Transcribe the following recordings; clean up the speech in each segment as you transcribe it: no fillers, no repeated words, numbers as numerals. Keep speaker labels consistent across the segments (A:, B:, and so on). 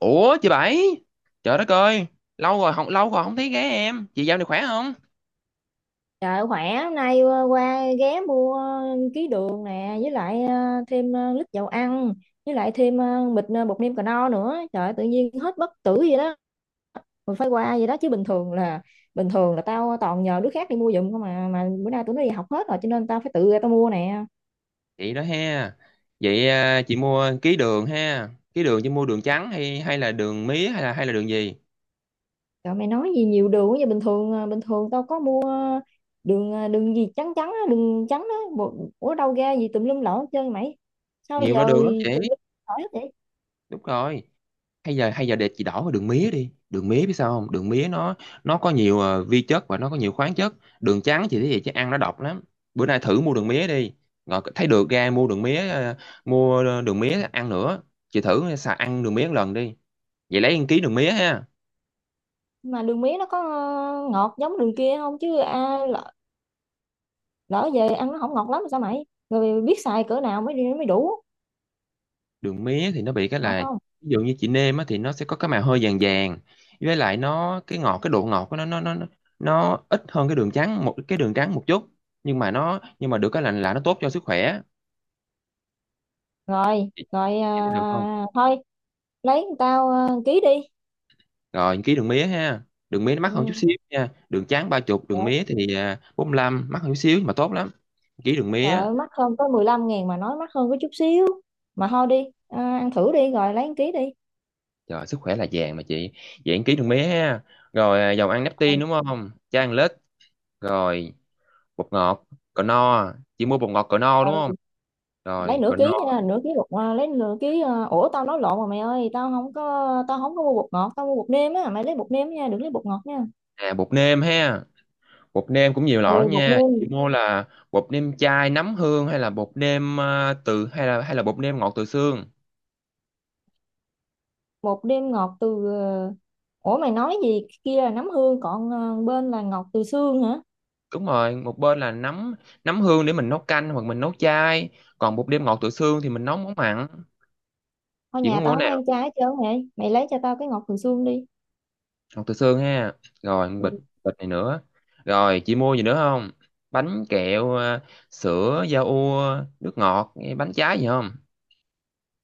A: Ủa chị Bảy. Trời đất ơi. Lâu rồi không thấy ghé em. Chị dạo này khỏe không?
B: Trời khỏe, hôm nay qua ghé mua ký đường nè, với lại thêm lít dầu ăn, với lại thêm bịch bột nêm cà no nữa. Trời ơi, tự nhiên hết bất tử vậy đó. Mình phải qua vậy đó chứ bình thường là tao toàn nhờ đứa khác đi mua giùm không mà bữa nay tụi nó đi học hết rồi, cho nên tao phải tự ra tao mua nè.
A: Vậy đó ha. Vậy chị mua ký đường ha. Ký đường chị mua đường trắng hay hay là đường mía hay là đường gì?
B: Trời mày nói gì nhiều đường quá vậy, bình thường tao có mua đường gì trắng trắng á, đường trắng á, ủa đâu ra gì tùm lum lỗ hết trơn mày. Sao
A: Nhiều
B: giờ
A: loại đường lắm chị.
B: tùm lum lỗ hết vậy?
A: Đúng rồi. Hay giờ để chị đổi qua đường mía đi. Đường mía biết sao không? Đường mía nó có nhiều vi chất và nó có nhiều khoáng chất. Đường trắng chị thấy vậy chứ ăn nó độc lắm. Bữa nay thử mua đường mía đi. Rồi thấy được ra mua đường mía Mua đường mía ăn nữa. Chị thử xài ăn đường mía một lần đi. Vậy lấy ăn ký đường mía ha.
B: Mà đường mía nó có ngọt giống đường kia không chứ, à, lỡ về ăn nó không ngọt lắm sao mày, rồi biết xài cỡ nào mới đi mới đủ
A: Đường mía thì nó bị cái
B: ngọt
A: là,
B: không?
A: ví dụ như chị nêm á thì nó sẽ có cái màu hơi vàng vàng. Với lại nó cái ngọt, cái độ ngọt của nó nó ít hơn cái đường trắng một chút. Nhưng mà được cái là nó tốt cho sức khỏe.
B: Rồi
A: chị
B: rồi,
A: chị thấy
B: à,
A: được không?
B: thôi lấy tao à, ký đi.
A: Rồi ký đường mía ha. Đường mía nó mắc hơn chút
B: Ừ.
A: xíu nha, đường trắng 30, đường
B: Trời,
A: mía thì 45, mắc hơn chút xíu nhưng mà tốt lắm. Ký đường
B: trời
A: mía.
B: ơi, mắc hơn có 15.000 mà nói mắc hơn có chút xíu. Mà thôi đi à, ăn thử đi rồi lấy 1 ký đi.
A: Trời, sức khỏe là vàng mà chị. Vậy ăn ký đường mía ha. Rồi dầu ăn nếp tin
B: Rồi,
A: đúng không chan lết. Rồi bột ngọt cỡ no chỉ. Mua bột ngọt cỡ no
B: ừ,
A: đúng không?
B: lấy
A: Rồi cỡ
B: nửa
A: no.
B: ký nha, nửa ký bột à, lấy nửa ký à, ủa tao nói lộn rồi mày ơi, tao không có mua bột ngọt, tao mua bột nêm á, mày lấy bột nêm nha, đừng lấy bột ngọt nha.
A: À, bột nêm ha. Bột nêm cũng nhiều loại
B: Ừ,
A: lắm
B: bột
A: nha
B: nêm,
A: chị, mua là bột nêm chai nấm hương hay là bột nêm à, từ hay là bột nêm ngọt từ xương?
B: một đêm ngọt từ ủa mày nói gì kia, là nấm hương còn bên là ngọt từ xương hả?
A: Đúng rồi, một bên là nấm nấm hương để mình nấu canh hoặc mình nấu chai. Còn bột nêm ngọt từ xương thì mình nấu món mặn.
B: Thôi
A: Chị
B: nhà
A: muốn
B: tao
A: mua
B: không
A: cái nào?
B: ăn trái hết trơn vậy, mày lấy cho tao cái ngọt từ xương đi.
A: Ngọt từ xương ha. Rồi bịch,
B: Ừ.
A: bịch này nữa. Rồi chị mua gì nữa không? Bánh kẹo sữa da ua, nước ngọt bánh trái gì không?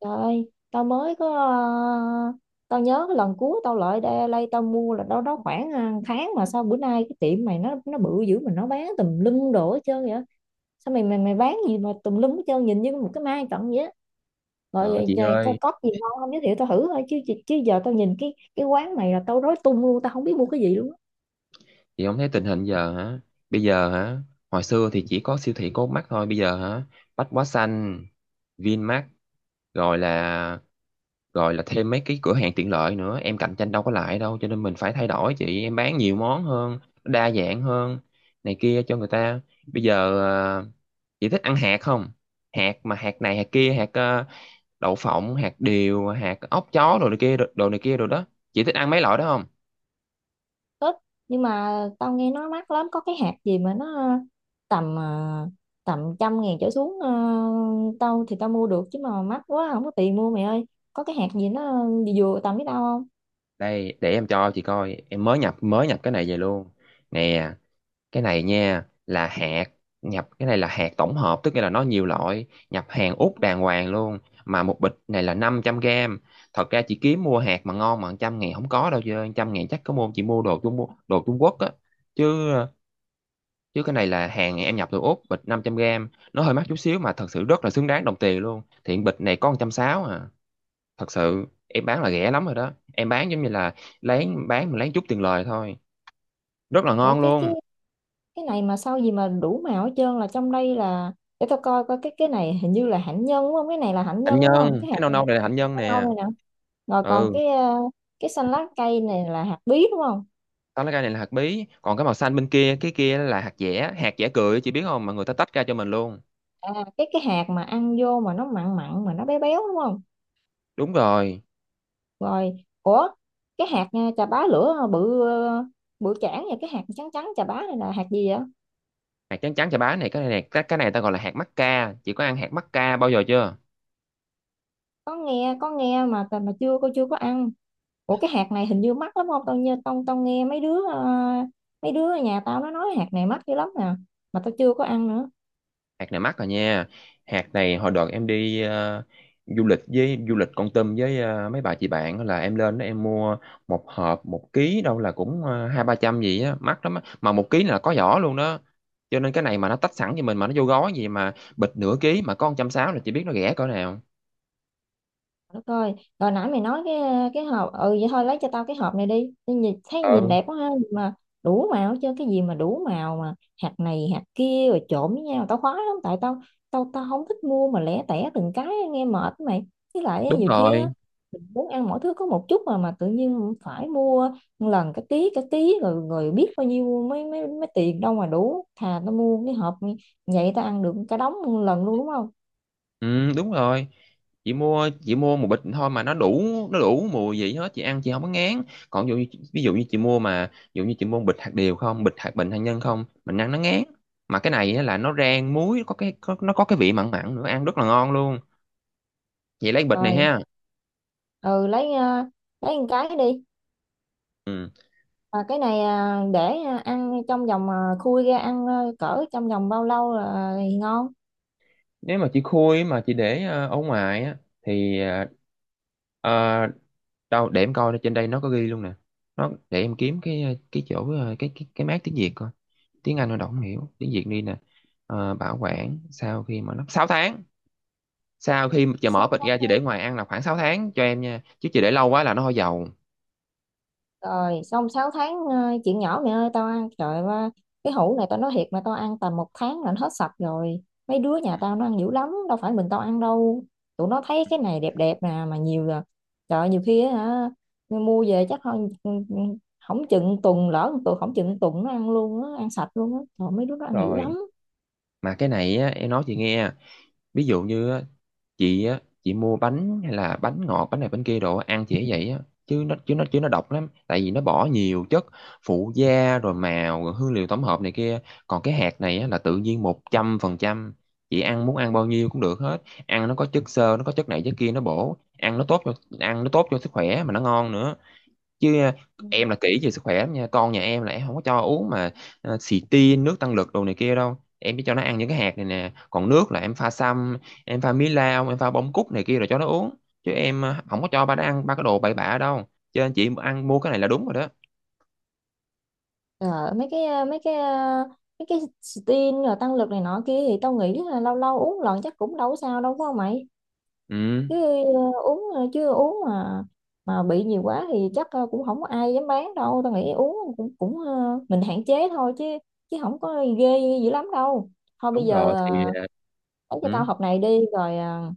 B: Trời ơi tao mới có tao nhớ cái lần cuối tao lại đây, đây tao mua là đâu đó khoảng tháng, mà sao bữa nay cái tiệm mày nó bự dữ mà nó bán tùm lum đồ hết trơn vậy? Sao mày mày mày bán gì mà tùm lum hết trơn, nhìn như một cái mai cận vậy á? Rồi,
A: Trời
B: rồi, rồi có,
A: ơi,
B: có gì ngon không giới thiệu tao thử, thôi chứ chứ chứ giờ tao nhìn cái quán này là tao rối tung luôn, tao không biết mua cái gì luôn á.
A: chị không thấy tình hình giờ hả? Bây giờ hả? Hồi xưa thì chỉ có siêu thị có mắt thôi, bây giờ hả? Bách Hóa Xanh, Vinmart, rồi là rồi là thêm mấy cái cửa hàng tiện lợi nữa, em cạnh tranh đâu có lại đâu, cho nên mình phải thay đổi chị, em bán nhiều món hơn, đa dạng hơn này kia cho người ta. Bây giờ à, chị thích ăn hạt không? Hạt mà hạt này hạt kia, hạt đậu phộng, hạt điều, hạt ốc chó đồ này kia, đồ đồ này kia đồ đó. Chị thích ăn mấy loại đó không?
B: Tết nhưng mà tao nghe nó mắc lắm, có cái hạt gì mà nó tầm tầm 100.000 trở xuống tao thì tao mua được chứ mà mắc quá không có tiền mua mày ơi. Có cái hạt gì nó vừa vừa tầm với tao không?
A: Đây để em cho chị coi, em mới nhập cái này về luôn. Nè, cái này nha là hạt, nhập cái này là hạt tổng hợp, tức nghĩa là nó nhiều loại, nhập hàng Úc đàng hoàng luôn. Mà một bịch này là 500 gram. Thật ra chị kiếm mua hạt mà ngon mà trăm ngàn không có đâu, chứ trăm ngàn chắc có mua chị mua đồ Trung, đồ Trung Quốc á. Chứ chứ cái này là hàng em nhập từ Úc, bịch 500 gram nó hơi mắc chút xíu mà thật sự rất là xứng đáng đồng tiền luôn. Thiện, bịch này có 160 à. Thật sự em bán là rẻ lắm rồi đó, em bán giống như là lén bán, mà lén chút tiền lời thôi, rất là
B: Ủa
A: ngon
B: cái cái
A: luôn.
B: cái này mà sao gì mà đủ màu hết trơn, là trong đây là để tao coi coi cái này hình như là hạnh nhân đúng không, cái này là hạnh
A: Hạnh
B: nhân đúng không?
A: nhân,
B: Cái
A: cái
B: hạt
A: nâu
B: này nè,
A: nâu này là hạnh
B: hạt
A: nhân
B: có nâu
A: nè.
B: này nè, rồi còn
A: Ừ,
B: cái xanh lá cây này là hạt bí đúng không?
A: tao lấy cái này là hạt bí, còn cái màu xanh bên kia cái kia là hạt dẻ, hạt dẻ cười chị biết không mà người ta tách ra cho mình luôn.
B: À, cái hạt mà ăn vô mà nó mặn mặn mà nó béo béo đúng không?
A: Đúng rồi.
B: Rồi. Ủa cái hạt chà bá lửa bự bự chảng và cái hạt trắng trắng chà bá này là hạt gì vậy?
A: Hạt trắng trắng chà bá này, cái này ta gọi là hạt mắc ca, chị có ăn hạt mắc ca bao giờ chưa?
B: Có nghe có nghe mà chưa, cô chưa có ăn. Ủa cái hạt này hình như mắc lắm không, tao như tao tao nghe mấy đứa mấy đứa ở nhà tao nó nói hạt này mắc dữ lắm nè, mà tao chưa có ăn nữa.
A: Hạt này mắc rồi nha. Hạt này hồi đợt em đi du lịch với du lịch Kon Tum với mấy bà chị bạn á, là em lên đó em mua một hộp một ký đâu là cũng hai ba trăm gì á, mắc lắm á, mà một ký là có vỏ luôn đó. Cho nên cái này mà nó tách sẵn cho mình mà nó vô gói, gì mà bịch nửa ký mà có 160, là chị biết nó rẻ cỡ nào.
B: Đất ơi, rồi nãy mày nói cái hộp, ừ vậy thôi lấy cho tao cái hộp này đi. Tao nhìn thấy nhìn
A: Ừ
B: đẹp quá ha, mà đủ màu chứ cái gì mà đủ màu mà hạt này hạt kia rồi trộn với nhau, tao khoái lắm tại tao tao tao không thích mua mà lẻ tẻ từng cái nghe mệt á mày. Với lại á,
A: đúng
B: nhiều khi á
A: rồi.
B: mình muốn ăn mỗi thứ có một chút mà tự nhiên phải mua một lần cái ký cái ký, rồi rồi biết bao nhiêu mấy mấy mấy tiền đâu mà đủ. Thà tao mua cái hộp vậy tao ăn được cả đống một lần luôn đúng không?
A: Ừ, đúng rồi. Chị mua một bịch thôi mà nó đủ, nó đủ mùi gì hết, chị ăn chị không có ngán. Còn ví dụ như chị mua mà ví dụ như chị mua bịch hạt điều không, bịch hạt bình hạt nhân không, mình ăn nó ngán. Mà cái này á là nó rang muối, nó có cái vị mặn mặn nữa ăn rất là ngon luôn. Chị lấy bịch này
B: Rồi,
A: ha.
B: ừ lấy một cái đi.
A: Ừ.
B: Mà cái này à, để à, ăn trong vòng à, khui ra ăn à, cỡ trong vòng bao lâu là thì ngon?
A: Nếu mà chị khui mà chị để ở ngoài á thì ờ, đâu để em coi, nó trên đây nó có ghi luôn nè. Nó để em kiếm cái chỗ cái mác tiếng Việt coi, tiếng Anh nó đâu không hiểu, tiếng Việt đi nè. Ờ, bảo quản sau khi mà nó 6 tháng, sau khi mà chờ mở
B: sáu
A: bịch
B: tháng
A: ra chị để ngoài ăn là khoảng 6 tháng cho em nha, chứ chị để lâu quá là nó hôi dầu.
B: Rồi, xong 6 tháng à, chuyện nhỏ mẹ ơi tao ăn trời ơi, cái hũ này tao nói thiệt mà tao ăn tầm 1 tháng là nó hết sạch rồi. Mấy đứa nhà
A: Ừ.
B: tao nó ăn dữ lắm, đâu phải mình tao ăn đâu. Tụi nó thấy cái này đẹp đẹp nè mà nhiều là trời ơi, nhiều khi á hả mua về chắc không không chừng tuần, lỡ 1 tuần không chừng tuần nó ăn luôn á, ăn sạch luôn á. Trời mấy đứa nó ăn dữ
A: Rồi
B: lắm.
A: mà cái này á, em nói chị nghe. Ví dụ như á chị mua bánh hay là bánh ngọt bánh này bánh kia đồ ăn chị ấy vậy á, chứ nó độc lắm tại vì nó bỏ nhiều chất phụ gia rồi màu rồi hương liệu tổng hợp này kia. Còn cái hạt này á, là tự nhiên 100%, chị ăn muốn ăn bao nhiêu cũng được hết, ăn nó có chất xơ nó có chất này chất kia nó bổ, ăn nó tốt cho sức khỏe mà nó ngon nữa. Chứ em là kỹ về sức khỏe lắm nha, con nhà em là em không có cho uống mà xì tin nước tăng lực đồ này kia đâu, em chỉ cho nó ăn những cái hạt này nè. Còn nước là em pha sâm, em pha mí lau, em pha bông cúc này kia rồi cho nó uống. Chứ em không có cho ba nó ăn ba cái đồ bậy bạ đâu, cho nên chị ăn mua cái này là đúng rồi đó.
B: Ờ, mấy cái steam rồi tăng lực này nọ kia thì tao nghĩ là lâu lâu uống lần chắc cũng đâu có sao đâu phải không mày?
A: Ừ
B: Chứ ờ, uống ờ, chứ uống mà bị nhiều quá thì chắc cũng không có ai dám bán đâu, tao nghĩ uống cũng cũng mình hạn chế thôi chứ chứ không có ghê dữ lắm đâu. Thôi bây
A: đúng rồi
B: giờ
A: thì
B: lấy cho
A: ừ,
B: tao hộp này đi rồi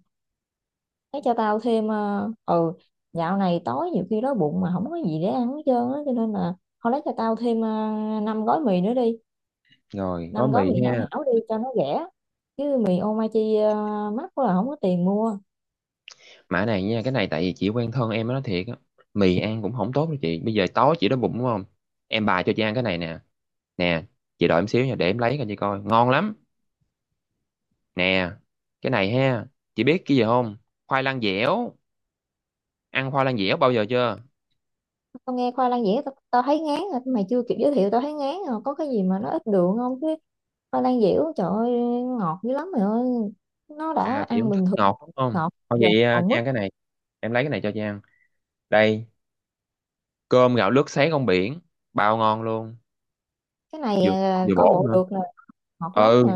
B: lấy cho tao thêm ừ dạo này tối nhiều khi đói bụng mà không có gì để ăn hết trơn á, cho nên là thôi lấy cho tao thêm 5 gói mì nữa đi,
A: rồi gói
B: năm gói
A: mì
B: mì hảo
A: ha.
B: hảo đi cho nó rẻ, chứ mì Omachi mắc quá là không có tiền mua.
A: Mã này nha, cái này tại vì chị quen thân em nó thiệt á. Mì ăn cũng không tốt đâu chị. Bây giờ tối chị đói bụng đúng không? Em bà cho chị ăn cái này nè. Nè, chị đợi em xíu nha, để em lấy cho chị coi. Ngon lắm. Nè, cái này ha. Chị biết cái gì không? Khoai lang dẻo. Ăn khoai lang dẻo bao giờ chưa?
B: Tao nghe khoai lang dẻo tao thấy ngán rồi mày chưa kịp giới thiệu tao thấy ngán rồi, có cái gì mà nó ít đường không chứ? Khoai lang dẻo trời ơi, ngọt dữ lắm mày ơi, nó đã
A: À, chị
B: ăn
A: không
B: bình
A: thích
B: thường,
A: ngọt đúng không?
B: ngọt
A: Thôi
B: giờ
A: vậy
B: còn
A: chị
B: mứt.
A: ăn cái này. Em lấy cái này cho chị ăn. Đây, cơm gạo lứt sấy con biển. Bao ngon luôn.
B: Cái này
A: Vừa vừa
B: coi
A: bổ
B: bộ
A: nữa.
B: được nè. Ngọt lắm
A: Ừ,
B: nè.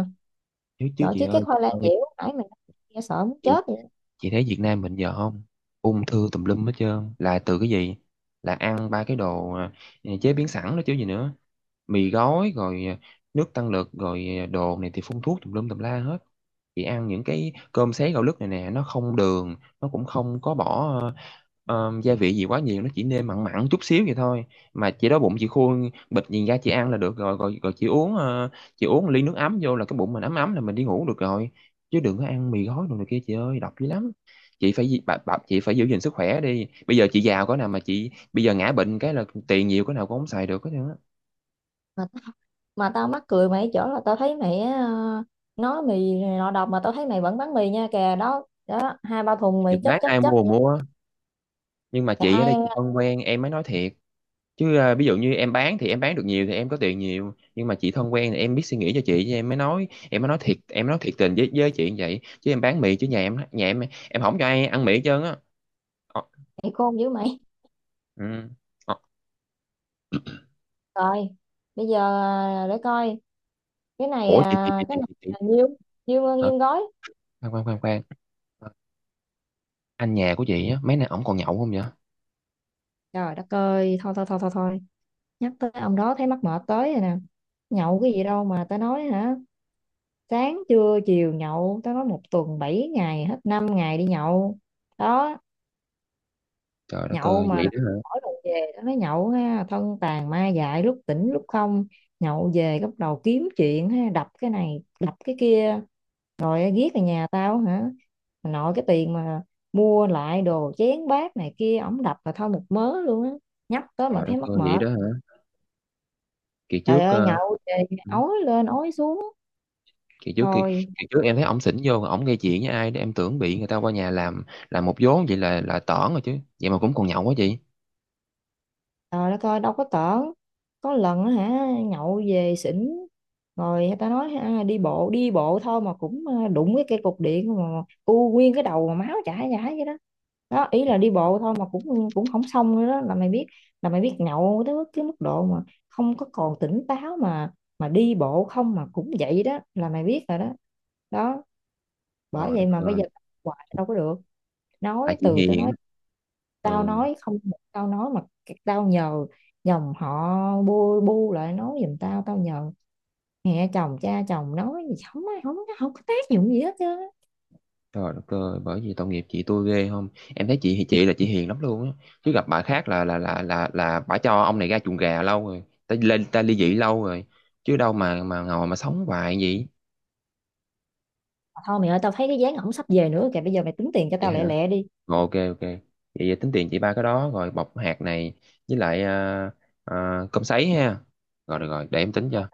A: chứ chứ
B: Trời
A: chị
B: chứ cái
A: ơi.
B: khoai lang dẻo nãy mày nghe sợ muốn
A: Ừ,
B: chết vậy.
A: chị thấy Việt Nam mình giờ không? Ung thư tùm lum hết trơn. Là từ cái gì? Là ăn ba cái đồ chế biến sẵn đó chứ gì nữa, mì gói rồi nước tăng lực rồi đồ này thì phun thuốc tùm lum tùm la hết. Chị ăn những cái cơm sấy gạo lứt này nè nó không đường, nó cũng không có bỏ gia vị gì quá nhiều, nó chỉ nêm mặn mặn chút xíu vậy thôi. Mà chị đói bụng chị khui bịch nhìn ra chị ăn là được rồi rồi, rồi chị uống chị uống ly nước ấm vô là cái bụng mình ấm ấm là mình đi ngủ được rồi. Chứ đừng có ăn mì gói đồ này kia chị ơi, độc dữ lắm. Chị phải di- bà, bà, chị phải giữ gìn sức khỏe đi, bây giờ chị giàu có nào mà chị bây giờ ngã bệnh cái là tiền nhiều có nào cũng không xài được hết trơn á.
B: Mà mà tao mắc cười mày ở chỗ là tao thấy mày nói mì này nọ độc mà tao thấy mày vẫn bán mì nha kìa, đó đó hai ba thùng mì
A: Mình
B: chất
A: bán
B: chất
A: ai
B: chất
A: mua mua. Nhưng mà
B: Mày
A: chị ở
B: ai
A: đây
B: ăn?
A: chị thân quen em mới nói thiệt. Chứ ví dụ như em bán thì em bán được nhiều thì em có tiền nhiều, nhưng mà chị thân quen thì em biết suy nghĩ cho chị. Chứ em mới nói thiệt, em nói thiệt tình với chị như vậy. Chứ em bán mì chứ nhà em em không cho ai ăn mì hết trơn á. Ờ,
B: Mày khôn dữ mày.
A: ừ. Ờ,
B: Rồi bây giờ à, để coi cái này
A: ủa
B: à, cái này
A: chị chị.
B: là nhiêu nhiêu
A: Hả?
B: nhiêu gói?
A: Khoan khoan khoan khoan. Ờ, anh nhà của chị á mấy nay ổng còn nhậu không vậy?
B: Trời đất ơi thôi thôi thôi thôi thôi, nhắc tới ông đó thấy mắc mệt tới rồi nè, nhậu cái gì đâu mà tao nói hả? Sáng trưa chiều nhậu, tao nói 1 tuần 7 ngày hết 5 ngày đi nhậu đó.
A: Trời đất
B: Nhậu
A: ơi,
B: mà
A: vậy đó hả?
B: mỗi lần về nó nói nhậu ha thân tàn ma dại lúc tỉnh lúc không, nhậu về bắt đầu kiếm chuyện ha đập cái này đập cái kia rồi ghét ở nhà tao hả. Mà nội cái tiền mà mua lại đồ chén bát này kia ổng đập là thôi một mớ luôn á, nhắc tới mà
A: Trời đất
B: thấy mắc
A: ơi, vậy
B: mệt.
A: đó hả? Kỳ
B: Trời
A: trước
B: ơi nhậu về
A: ừ.
B: ói lên ói xuống
A: kỳ trước kỳ,
B: thôi.
A: kỳ trước em thấy ổng xỉn vô ổng gây chuyện với ai đó, em tưởng bị người ta qua nhà làm một vố vậy là tởn rồi, chứ vậy mà cũng còn nhậu quá chị.
B: Trời đất ơi đâu có tởn. Có lần á hả nhậu về xỉn, rồi người ta nói ha, đi bộ, đi bộ thôi mà cũng đụng cái cây cục điện mà u nguyên cái đầu mà máu chảy chảy vậy đó, đó ý là đi bộ thôi mà cũng cũng không xong nữa, đó là mày biết nhậu tới cái mức độ mà không có còn tỉnh táo mà đi bộ không mà cũng vậy đó, là mày biết rồi đó đó. Bởi
A: Trời
B: vậy
A: đất
B: mà bây
A: ơi.
B: giờ hoài đâu có được,
A: Tại
B: nói
A: chị
B: từ
A: hiền á.
B: tao
A: Ừ.
B: nói không một câu nói mà, tao nhờ dòng họ bu bu lại nói giùm tao, tao nhờ mẹ chồng cha chồng nói gì không ai, không không có tác dụng gì hết chứ.
A: Trời đất ơi, bởi vì tội nghiệp chị tôi ghê không, em thấy chị thì chị là chị hiền lắm luôn á. Chứ gặp bà khác là là bà cho ông này ra chuồng gà lâu rồi, ta lên ta ly dị lâu rồi. Chứ đâu mà ngồi mà sống hoài vậy.
B: Mà thôi mày ơi, tao thấy cái dáng ổng sắp về nữa kìa, bây giờ mày tính tiền cho
A: Vậy.
B: tao lẹ
A: Rồi,
B: lẹ đi.
A: ok ok vậy, vậy tính tiền chị ba cái đó rồi bọc hạt này với lại ờ, cơm sấy ha. Rồi được rồi để em tính cho.